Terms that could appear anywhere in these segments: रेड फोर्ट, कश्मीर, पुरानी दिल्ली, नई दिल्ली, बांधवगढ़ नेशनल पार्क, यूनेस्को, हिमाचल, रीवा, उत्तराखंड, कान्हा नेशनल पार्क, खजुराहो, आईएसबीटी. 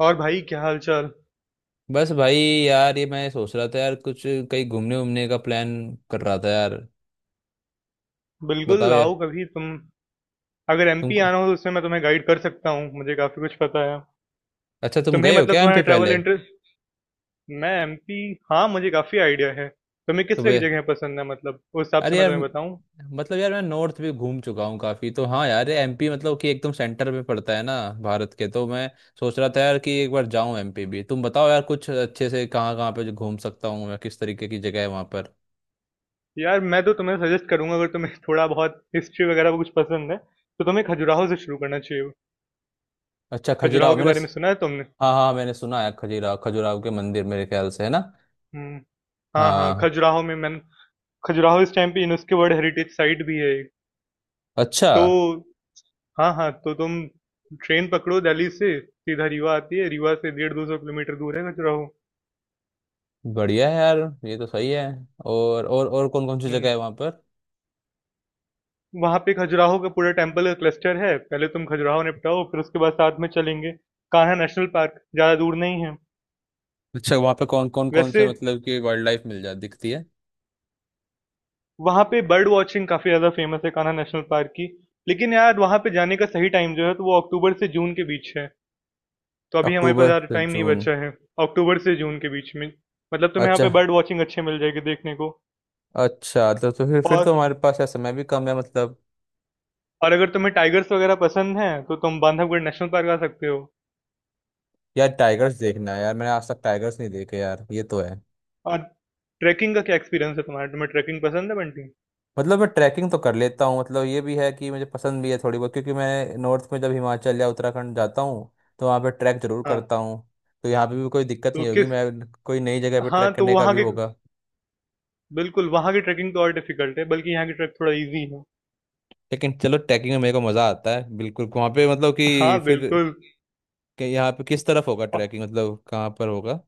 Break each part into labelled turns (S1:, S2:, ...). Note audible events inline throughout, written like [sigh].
S1: और भाई क्या हालचाल?
S2: बस भाई यार, ये मैं सोच रहा था यार, कुछ कहीं घूमने उमने का प्लान कर रहा था यार।
S1: बिल्कुल
S2: बताओ
S1: लाओ
S2: यार।
S1: कभी तुम। अगर
S2: तुम
S1: एमपी आना हो तो उसमें मैं तुम्हें गाइड कर सकता हूँ, मुझे काफी कुछ पता है।
S2: अच्छा, तुम
S1: तुम्हें
S2: गए हो
S1: मतलब
S2: क्या
S1: तुम्हारा
S2: एमपी
S1: ट्रैवल
S2: पहले?
S1: इंटरेस्ट, मैं एमपी, हाँ मुझे काफी आइडिया है। तुम्हें किस तरह की
S2: सुबह।
S1: जगह पसंद है? मतलब उस हिसाब से
S2: अरे
S1: मैं
S2: यार।
S1: तुम्हें बताऊँ।
S2: मतलब यार, मैं नॉर्थ भी घूम चुका हूँ काफी। तो हाँ यार, एमपी मतलब कि एकदम सेंटर में पड़ता है ना भारत के। तो मैं सोच रहा था यार कि एक बार जाऊँ एमपी भी। तुम बताओ यार, कुछ अच्छे से कहाँ कहाँ पे जो घूम सकता हूँ मैं, किस तरीके की जगह है वहाँ पर।
S1: यार मैं तो तुम्हें सजेस्ट करूंगा, अगर तुम्हें [laughs] थोड़ा बहुत हिस्ट्री वगैरह को कुछ पसंद है तो तुम्हें खजुराहो से शुरू करना चाहिए।
S2: अच्छा खजुराहो,
S1: खजुराहो के
S2: मैंने
S1: बारे में सुना है तुमने?
S2: हाँ हाँ, मैंने सुना है खजुराहो। खजुराहो के मंदिर मेरे ख्याल से है ना।
S1: हम्म। हाँ हाँ,
S2: हाँ।
S1: खजुराहो में मैंने, खजुराहो इस टाइम पे यूनेस्को वर्ल्ड हेरिटेज साइट भी है एक।
S2: अच्छा।
S1: तो हाँ हाँ, तो तुम ट्रेन पकड़ो, दिल्ली से सीधा रीवा आती है। रीवा से 150-200 किलोमीटर दूर है खजुराहो।
S2: बढ़िया है यार, ये तो सही है। और कौन कौन सी जगह
S1: हम्म।
S2: है वहाँ पर?
S1: वहां पे खजुराहो का पूरा टेम्पल क्लस्टर है। पहले तुम खजुराहो निपटाओ, फिर उसके बाद साथ में चलेंगे। कान्हा नेशनल पार्क ज्यादा दूर नहीं है
S2: अच्छा, वहाँ पे कौन कौन कौन से
S1: वैसे।
S2: मतलब कि वाइल्ड लाइफ मिल जा दिखती है?
S1: वहां पे बर्ड वॉचिंग काफी ज्यादा फेमस है कान्हा नेशनल पार्क की। लेकिन यार वहां पे जाने का सही टाइम जो है तो वो अक्टूबर से जून के बीच है। तो अभी हमारे पास
S2: अक्टूबर
S1: ज्यादा
S2: से
S1: टाइम नहीं
S2: जून?
S1: बचा है। अक्टूबर से जून के बीच में मतलब तुम्हें यहाँ
S2: अच्छा।
S1: पे बर्ड वॉचिंग अच्छे मिल जाएगी देखने को।
S2: अच्छा, तो फिर
S1: और
S2: तो हमारे पास यार समय भी कम है मतलब।
S1: और अगर तुम्हें टाइगर्स वगैरह पसंद हैं तो तुम बांधवगढ़ नेशनल पार्क आ सकते हो।
S2: यार टाइगर्स देखना है यार, मैंने आज तक टाइगर्स नहीं देखे यार। ये तो है।
S1: और ट्रैकिंग का क्या एक्सपीरियंस है तुम्हारा? तुम्हें ट्रैकिंग पसंद है बंटी?
S2: मतलब मैं ट्रैकिंग तो कर लेता हूँ, मतलब ये भी है कि मुझे पसंद भी है थोड़ी बहुत, क्योंकि मैं नॉर्थ में जब हिमाचल या उत्तराखंड जाता हूँ तो वहाँ पे ट्रैक जरूर
S1: हाँ,
S2: करता हूँ। तो यहाँ पे भी कोई दिक्कत
S1: तो
S2: नहीं होगी,
S1: किस,
S2: मैं कोई नई जगह पे
S1: हाँ
S2: ट्रैक
S1: तो
S2: करने का
S1: वहाँ
S2: भी
S1: के,
S2: होगा।
S1: बिल्कुल वहाँ की ट्रैकिंग तो और डिफिकल्ट है, बल्कि यहाँ की ट्रैक थोड़ा इजी है।
S2: लेकिन चलो, ट्रैकिंग में मेरे को मज़ा आता है बिल्कुल। वहाँ पे मतलब कि
S1: हाँ
S2: फिर,
S1: बिल्कुल।
S2: कि यहाँ पे किस तरफ होगा
S1: और
S2: ट्रैकिंग, मतलब कहाँ पर होगा।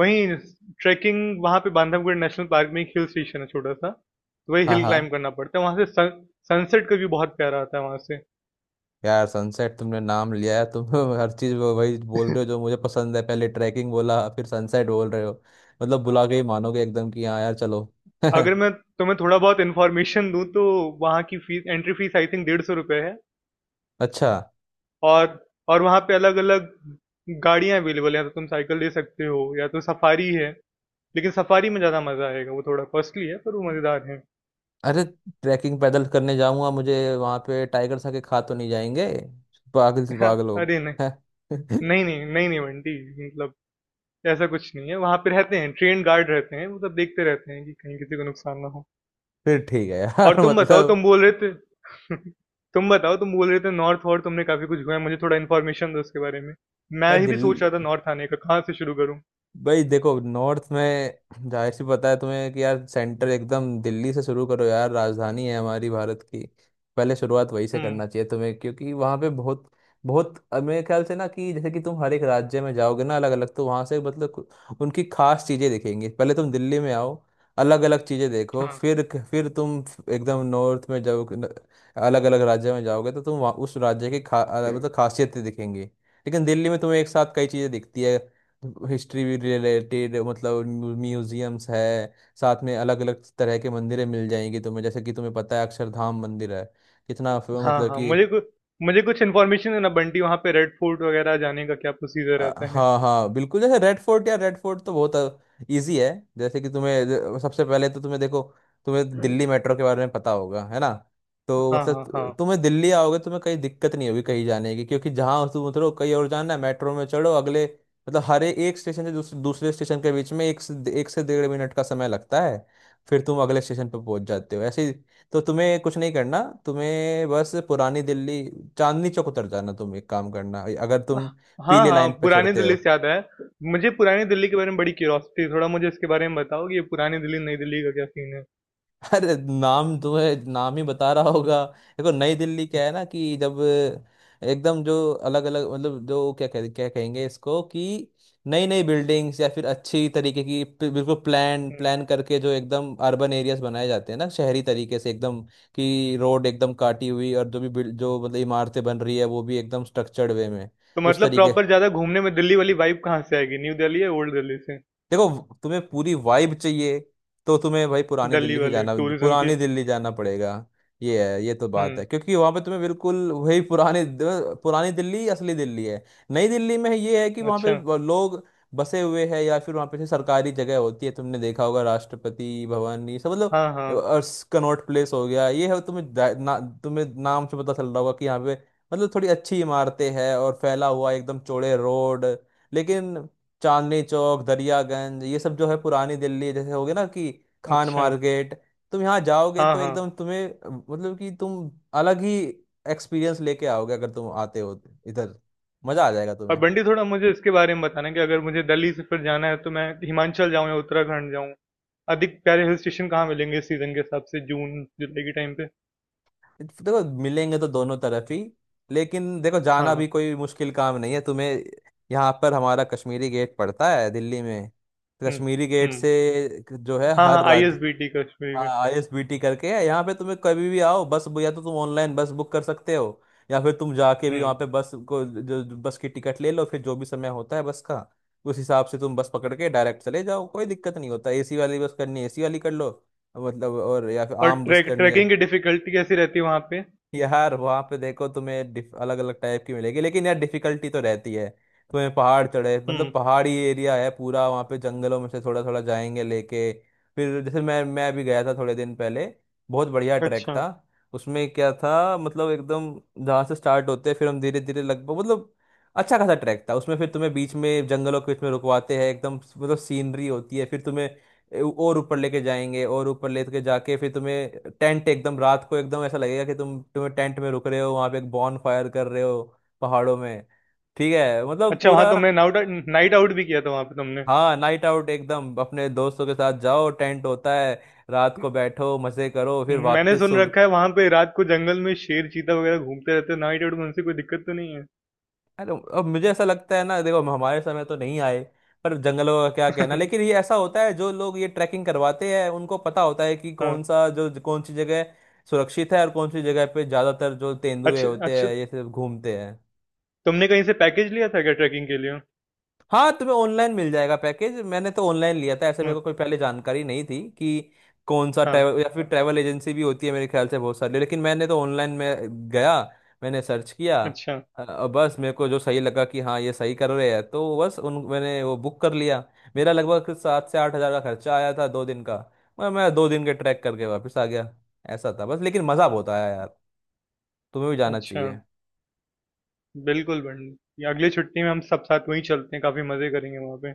S1: वहीं, ट्रैकिंग वहाँ पे बांधवगढ़ नेशनल पार्क में एक हिल स्टेशन है छोटा सा, तो वही
S2: हाँ
S1: हिल
S2: हाँ।
S1: क्लाइंब करना पड़ता है। वहाँ से सनसेट का व्यू बहुत प्यारा आता है वहाँ से।
S2: यार सनसेट तुमने नाम लिया है तुम। [laughs] हर चीज़ वो वही बोल रहे हो जो मुझे पसंद है, पहले ट्रैकिंग बोला फिर सनसेट बोल रहे हो। मतलब बुला के ही मानोगे एकदम, कि हाँ यार चलो। [laughs]
S1: अगर मैं तुम्हें थोड़ा बहुत इन्फॉर्मेशन दूँ तो वहाँ की fees, entry fees I think 150 रुपये है।
S2: अच्छा।
S1: और और वहाँ पे अलग-अलग गाड़ियाँ अवेलेबल हैं, या तो तुम साइकिल ले सकते हो या तो सफारी है। लेकिन सफारी में ज़्यादा मज़ा आएगा, वो थोड़ा कॉस्टली है पर वो मज़ेदार है।
S2: अरे, ट्रैकिंग पैदल करने जाऊंगा मुझे वहाँ पे, टाइगर आके खा तो नहीं जाएंगे? पागल से
S1: [laughs]
S2: पागल लोग।
S1: अरे नहीं नहीं
S2: [laughs]
S1: नहीं नहीं नहीं बंटी, मतलब ऐसा कुछ नहीं है। वहाँ पे रहते हैं, ट्रेन गार्ड रहते हैं, वो सब देखते रहते हैं कि कहीं किसी को नुकसान ना हो।
S2: फिर ठीक है
S1: और
S2: यार। [laughs]
S1: तुम बताओ, तुम
S2: मतलब।
S1: बोल रहे थे, [laughs] तुम बताओ, तुम बोल रहे थे नॉर्थ और तुमने काफ़ी कुछ घुमा है, मुझे थोड़ा इन्फॉर्मेशन दो उसके बारे में।
S2: यार
S1: मैं ही भी
S2: दिल
S1: सोच रहा था नॉर्थ आने का कहाँ से शुरू करूँ।
S2: भाई देखो, नॉर्थ में जाहिर सी पता है तुम्हें कि यार, सेंटर एकदम दिल्ली से शुरू करो यार, राजधानी है हमारी भारत की। पहले शुरुआत वहीं से
S1: हम्म।
S2: करना चाहिए तुम्हें, क्योंकि वहाँ पे बहुत बहुत मेरे ख्याल से ना कि जैसे कि तुम हर एक राज्य में जाओगे ना अलग अलग, तो वहाँ से मतलब उनकी खास चीज़ें दिखेंगी। पहले तुम दिल्ली में आओ, अलग अलग चीज़ें देखो।
S1: हाँ
S2: फिर तुम एकदम नॉर्थ में जाओ। अलग अलग राज्य में जाओगे तो तुम वहाँ उस राज्य की मतलब खासियतें दिखेंगी। लेकिन दिल्ली में तुम्हें एक साथ कई चीज़ें दिखती है। हिस्ट्री भी रिलेटेड मतलब, म्यूजियम्स है, साथ में अलग अलग तरह के मंदिरें मिल जाएंगी तुम्हें, जैसे कि तुम्हें पता है अक्षरधाम मंदिर है कितना
S1: हाँ,
S2: मतलब
S1: हाँ,
S2: कि।
S1: मुझे कुछ इन्फॉर्मेशन है ना बंटी, वहाँ पे रेड फोर्ट वगैरह जाने का क्या प्रोसीजर रहता है?
S2: हाँ हाँ बिल्कुल, जैसे रेड फोर्ट, या रेड फोर्ट तो बहुत इजी है। जैसे कि तुम्हें सबसे पहले तो तुम्हें देखो, तुम्हें दिल्ली मेट्रो के बारे में पता होगा है ना? तो
S1: हाँ,
S2: मतलब
S1: हाँ, हाँ।
S2: तुम्हें दिल्ली आओगे तो तुम्हें कहीं दिक्कत नहीं होगी कहीं जाने की, क्योंकि जहाँ तुम उतरो कहीं और जाना है, मेट्रो में चढ़ो अगले। मतलब हर एक स्टेशन से दूसरे स्टेशन के बीच में एक से डेढ़ मिनट का समय लगता है। फिर तुम अगले स्टेशन पर पहुंच जाते हो ऐसे ही। तो तुम्हें कुछ नहीं करना, तुम्हें बस पुरानी दिल्ली चांदनी चौक उतर जाना। तुम एक काम करना, अगर
S1: अह,
S2: तुम
S1: हाँ,
S2: पीले
S1: हाँ,
S2: लाइन पे
S1: पुरानी
S2: चढ़ते
S1: दिल्ली
S2: हो।
S1: से याद आया। मुझे पुरानी दिल्ली के बारे में बड़ी क्यूरियोसिटी है, थोड़ा मुझे इसके बारे में बताओ कि ये पुरानी दिल्ली, नई दिल्ली का क्या सीन है?
S2: [laughs] अरे नाम, तुम्हें नाम ही बता रहा होगा। देखो नई दिल्ली क्या है ना कि जब एकदम जो अलग अलग मतलब, जो क्या कहेंगे इसको, कि नई नई बिल्डिंग्स, या फिर अच्छी तरीके की बिल्कुल प्लान
S1: हुँ।
S2: प्लान करके जो एकदम अर्बन एरियाज बनाए जाते हैं ना, शहरी तरीके से एकदम। कि रोड एकदम काटी हुई, और जो भी जो मतलब इमारतें बन रही है वो भी एकदम स्ट्रक्चर्ड वे में।
S1: तो
S2: उस
S1: मतलब
S2: तरीके।
S1: प्रॉपर ज़्यादा घूमने में दिल्ली वाली वाइब कहाँ से आएगी? न्यू दिल्ली या ओल्ड दिल्ली से?
S2: देखो तुम्हें पूरी वाइब चाहिए तो तुम्हें भाई पुरानी
S1: दिल्ली
S2: दिल्ली ही
S1: वाली
S2: जाना।
S1: टूरिज़्म की?
S2: पुरानी दिल्ली जाना पड़ेगा। ये है, ये तो बात है,
S1: हुँ,
S2: क्योंकि वहां पे तुम्हें बिल्कुल वही पुरानी। पुरानी दिल्ली असली दिल्ली है। नई दिल्ली में ये है कि वहां पे
S1: अच्छा।
S2: वो लोग बसे हुए हैं, या फिर वहां पे जैसे सरकारी जगह होती है, तुमने देखा होगा राष्ट्रपति भवन ये सब मतलब।
S1: हाँ, हाँ,
S2: और कनॉट प्लेस हो गया, ये है तुम्हें ना, तुम्हें नाम से पता चल रहा होगा कि यहाँ पे मतलब थोड़ी अच्छी इमारतें हैं और फैला हुआ एकदम चौड़े रोड। लेकिन चांदनी चौक, दरियागंज, ये सब जो है पुरानी दिल्ली जैसे हो गया ना, कि खान
S1: अच्छा।
S2: मार्केट। तुम यहाँ जाओगे
S1: हाँ,
S2: तो
S1: हाँ।
S2: एकदम तुम्हें मतलब कि तुम अलग ही एक्सपीरियंस लेके आओगे, अगर तुम आते हो तो इधर। मजा आ जाएगा
S1: और
S2: तुम्हें।
S1: बंटी थोड़ा मुझे इसके बारे में बताना कि अगर मुझे दिल्ली से फिर जाना है तो मैं हिमाचल जाऊँ या उत्तराखंड जाऊँ? अधिक प्यारे हिल स्टेशन कहाँ मिलेंगे इस सीजन के हिसाब से जून जुलाई के टाइम पे?
S2: देखो मिलेंगे तो दोनों तरफ ही। लेकिन देखो, जाना भी
S1: हाँ।
S2: कोई मुश्किल काम नहीं है तुम्हें। यहाँ पर हमारा कश्मीरी गेट पड़ता है दिल्ली में, तो
S1: हुँ,
S2: कश्मीरी गेट
S1: हुँ,
S2: से जो है
S1: हाँ
S2: हर
S1: हाँ
S2: राज्य।
S1: आईएसबीटी कश्मीर
S2: हाँ,
S1: में।
S2: आईएसबीटी करके है यहाँ पे, तुम्हें कभी भी आओ बस, या तो तुम ऑनलाइन बस बुक कर सकते हो, या फिर तुम जाके भी वहाँ
S1: हुँ।
S2: पे बस को जो जो बस की टिकट ले लो। फिर जो भी समय होता है बस का, उस हिसाब से तुम बस पकड़ के डायरेक्ट चले जाओ, कोई दिक्कत नहीं होता। एसी वाली बस करनी है, एसी वाली कर लो, मतलब और, या फिर
S1: और
S2: आम बस करनी है।
S1: ट्रैकिंग की डिफिकल्टी कैसी रहती है वहाँ पे?
S2: यार वहां पे देखो तुम्हें अलग अलग टाइप की मिलेगी, लेकिन यार डिफिकल्टी तो रहती है। तुम्हें पहाड़ चढ़े मतलब,
S1: हुँ।
S2: पहाड़ी एरिया है पूरा वहां पे, जंगलों में से थोड़ा थोड़ा जाएंगे लेके। फिर जैसे मैं भी गया था थोड़े दिन पहले। बहुत बढ़िया ट्रैक
S1: अच्छा।
S2: था। उसमें क्या था मतलब एकदम, जहाँ से स्टार्ट होते हैं फिर हम धीरे धीरे लगभग, मतलब अच्छा खासा ट्रैक था उसमें। फिर तुम्हें बीच में जंगलों के बीच में रुकवाते हैं एकदम, मतलब सीनरी होती है। फिर तुम्हें और ऊपर लेके जाएंगे, और ऊपर लेके जाके फिर तुम्हें टेंट, एकदम रात को, एकदम ऐसा लगेगा कि तुम्हें टेंट में रुक रहे हो, वहां पे एक बॉन फायर कर रहे हो पहाड़ों में। ठीक है, मतलब
S1: अच्छा वहाँ
S2: पूरा।
S1: तुमने नाउट नाइट आउट भी किया था वहाँ पे तुमने?
S2: हाँ, नाइट आउट एकदम, अपने दोस्तों के साथ जाओ, टेंट होता है, रात को बैठो मजे करो,
S1: हुँ,
S2: फिर
S1: मैंने
S2: वापस
S1: सुन
S2: सुबह।
S1: रखा है वहाँ पे रात को जंगल में शेर चीता वगैरह घूमते रहते हैं, नाइट आउट में उनसे कोई दिक्कत तो नहीं है?
S2: अरे, अब मुझे ऐसा लगता है ना, देखो हमारे समय तो नहीं आए, पर जंगलों का क्या कहना। लेकिन
S1: [laughs]
S2: ये ऐसा होता है, जो लोग ये ट्रैकिंग करवाते हैं उनको पता होता है कि कौन
S1: हाँ।
S2: सा जो कौन सी जगह सुरक्षित है और कौन सी जगह पे ज्यादातर जो तेंदुए
S1: अच्छा
S2: होते
S1: अच्छा,
S2: हैं ये सिर्फ घूमते हैं।
S1: तुमने कहीं से पैकेज लिया था क्या ट्रैकिंग के लिए?
S2: हाँ, तुम्हें ऑनलाइन मिल जाएगा पैकेज। मैंने तो ऑनलाइन लिया था ऐसे, मेरे
S1: हाँ।
S2: को कोई पहले जानकारी नहीं थी कि कौन सा
S1: हाँ,
S2: ट्रैवल, या फिर ट्रैवल एजेंसी भी होती है मेरे ख्याल से बहुत सारी, लेकिन मैंने तो ऑनलाइन में गया। मैंने सर्च किया।
S1: अच्छा
S2: बस मेरे को जो सही लगा कि हाँ ये सही कर रहे हैं, तो बस उन मैंने वो बुक कर लिया। मेरा लगभग 7 से 8 हज़ार का खर्चा आया था, 2 दिन का। मैं 2 दिन के ट्रैक करके वापस आ गया, ऐसा था बस। लेकिन मज़ा बहुत आया यार, तुम्हें भी जाना
S1: अच्छा।
S2: चाहिए।
S1: बिल्कुल बंटी। अगली छुट्टी में हम सब साथ वहीं चलते हैं, काफी मजे करेंगे वहां पे।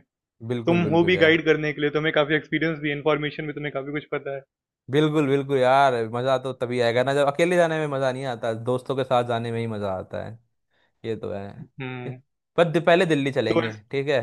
S2: बिल्कुल
S1: तुम हो
S2: बिल्कुल
S1: भी
S2: यार।
S1: गाइड करने के लिए, तुम्हें काफी एक्सपीरियंस भी है, इन्फॉर्मेशन भी तुम्हें काफी कुछ पता है।
S2: बिल्कुल बिल्कुल यार, मज़ा तो तभी आएगा ना, जब अकेले जाने में मज़ा नहीं आता, दोस्तों के साथ जाने में ही मज़ा आता है। ये तो है। ये-
S1: हम्म।
S2: पर पहले दिल्ली
S1: तो
S2: चलेंगे,
S1: इस-,
S2: ठीक है?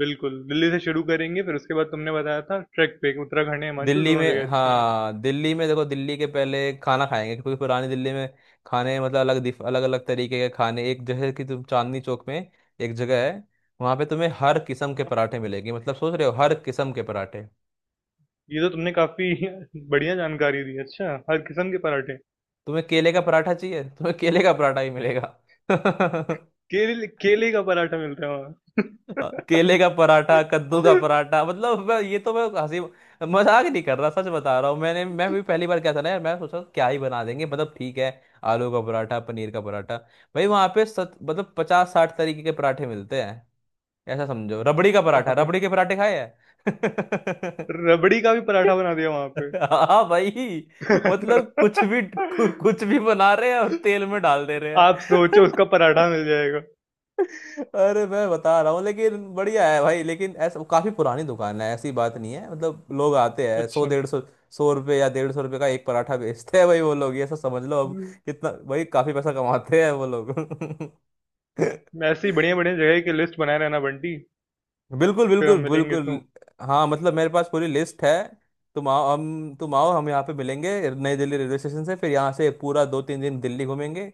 S1: बिल्कुल दिल्ली से शुरू करेंगे, फिर उसके बाद तुमने बताया था ट्रैक पे उत्तराखंड या हिमाचल
S2: दिल्ली
S1: दोनों जगह
S2: में,
S1: अच्छी हैं।
S2: हाँ दिल्ली में देखो, दिल्ली के पहले खाना खाएंगे, क्योंकि पुरानी दिल्ली में खाने मतलब अलग अलग अलग तरीके के खाने। एक, जैसे कि तुम चांदनी चौक में, एक जगह है, वहाँ पे तुम्हें हर किस्म के पराठे मिलेंगे। मतलब सोच रहे हो, हर किस्म के पराठे।
S1: ये तो तुमने काफी [laughs] बढ़िया जानकारी दी, अच्छा हर किस्म के पराठे!
S2: तुम्हें केले का पराठा चाहिए, तुम्हें केले का पराठा ही मिलेगा। [laughs]
S1: केले केले का पराठा मिलता है वहाँ?
S2: केले का पराठा, कद्दू का
S1: [laughs]
S2: पराठा, मतलब। मैं ये तो मैं हंसी मजाक नहीं कर रहा, सच बता रहा हूँ। मैं भी पहली बार क्या था ना यार, मैं सोचा क्या ही बना देंगे, मतलब ठीक है, आलू का पराठा पनीर का पराठा। भाई वहाँ पे मतलब 50-60 तरीके के पराठे मिलते हैं। ऐसा समझो रबड़ी का पराठा,
S1: वहां पे
S2: रबड़ी के पराठे खाए हैं।
S1: रबड़ी का भी पराठा बना दिया वहां पे?
S2: [laughs] हाँ भाई। मतलब कुछ भी
S1: [laughs]
S2: कुछ भी बना रहे हैं और तेल में डाल दे रहे
S1: आप सोचो उसका
S2: हैं। [laughs]
S1: पराठा मिल जाएगा।
S2: अरे, मैं बता रहा हूँ। लेकिन बढ़िया है भाई, लेकिन ऐसा काफी पुरानी दुकान है, ऐसी बात नहीं है। मतलब लोग आते हैं, सौ
S1: अच्छा।
S2: डेढ़ सौ, 100 रुपये या 150 रुपये का एक पराठा बेचते हैं भाई वो लोग, ये सब समझ लो अब।
S1: मैं,
S2: कितना भाई, काफी पैसा कमाते हैं वो लोग। [laughs]
S1: ऐसे ही बढ़िया-बढ़िया जगह की लिस्ट बनाए रहना बंटी,
S2: बिल्कुल
S1: फिर हम
S2: बिल्कुल
S1: मिलेंगे
S2: बिल्कुल।
S1: तो।
S2: हाँ मतलब, मेरे पास पूरी लिस्ट है। तुम आओ, हम यहाँ पे मिलेंगे नई दिल्ली रेलवे स्टेशन से, फिर यहाँ से पूरा 2-3 दिन दिल्ली घूमेंगे,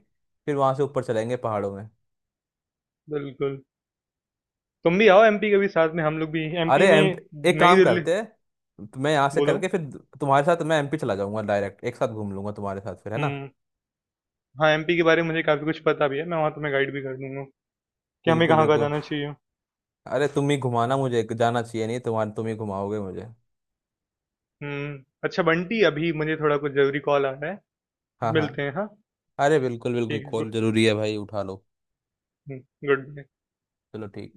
S2: फिर वहाँ से ऊपर चलेंगे पहाड़ों में।
S1: बिल्कुल। तुम भी आओ एमपी, कभी साथ में हम लोग भी
S2: अरे
S1: एमपी
S2: एम
S1: में,
S2: एक
S1: नई
S2: काम
S1: दिल्ली,
S2: करते हैं, तो मैं यहाँ से
S1: बोलो?
S2: करके फिर तुम्हारे साथ मैं एमपी चला जाऊंगा डायरेक्ट, एक साथ घूम लूंगा तुम्हारे साथ फिर, है ना?
S1: हुँ। हाँ, एमपी के बारे में मुझे काफ़ी कुछ पता भी है। मैं वहाँ तुम्हें गाइड भी कर दूँगा कि हमें
S2: बिल्कुल
S1: कहाँ-कहाँ
S2: बिल्कुल।
S1: जाना चाहिए।
S2: अरे तुम ही घुमाना मुझे, जाना चाहिए नहीं तो, तुम ही घुमाओगे मुझे।
S1: हुँ। अच्छा बंटी अभी मुझे थोड़ा कुछ ज़रूरी कॉल आ रहा है।
S2: हाँ हाँ।
S1: मिलते हैं हाँ?
S2: अरे बिल्कुल बिल्कुल,
S1: ठीक है,
S2: कॉल
S1: गुड,
S2: जरूरी है भाई, उठा लो।
S1: हुँ, गुड बाय।
S2: चलो ठीक।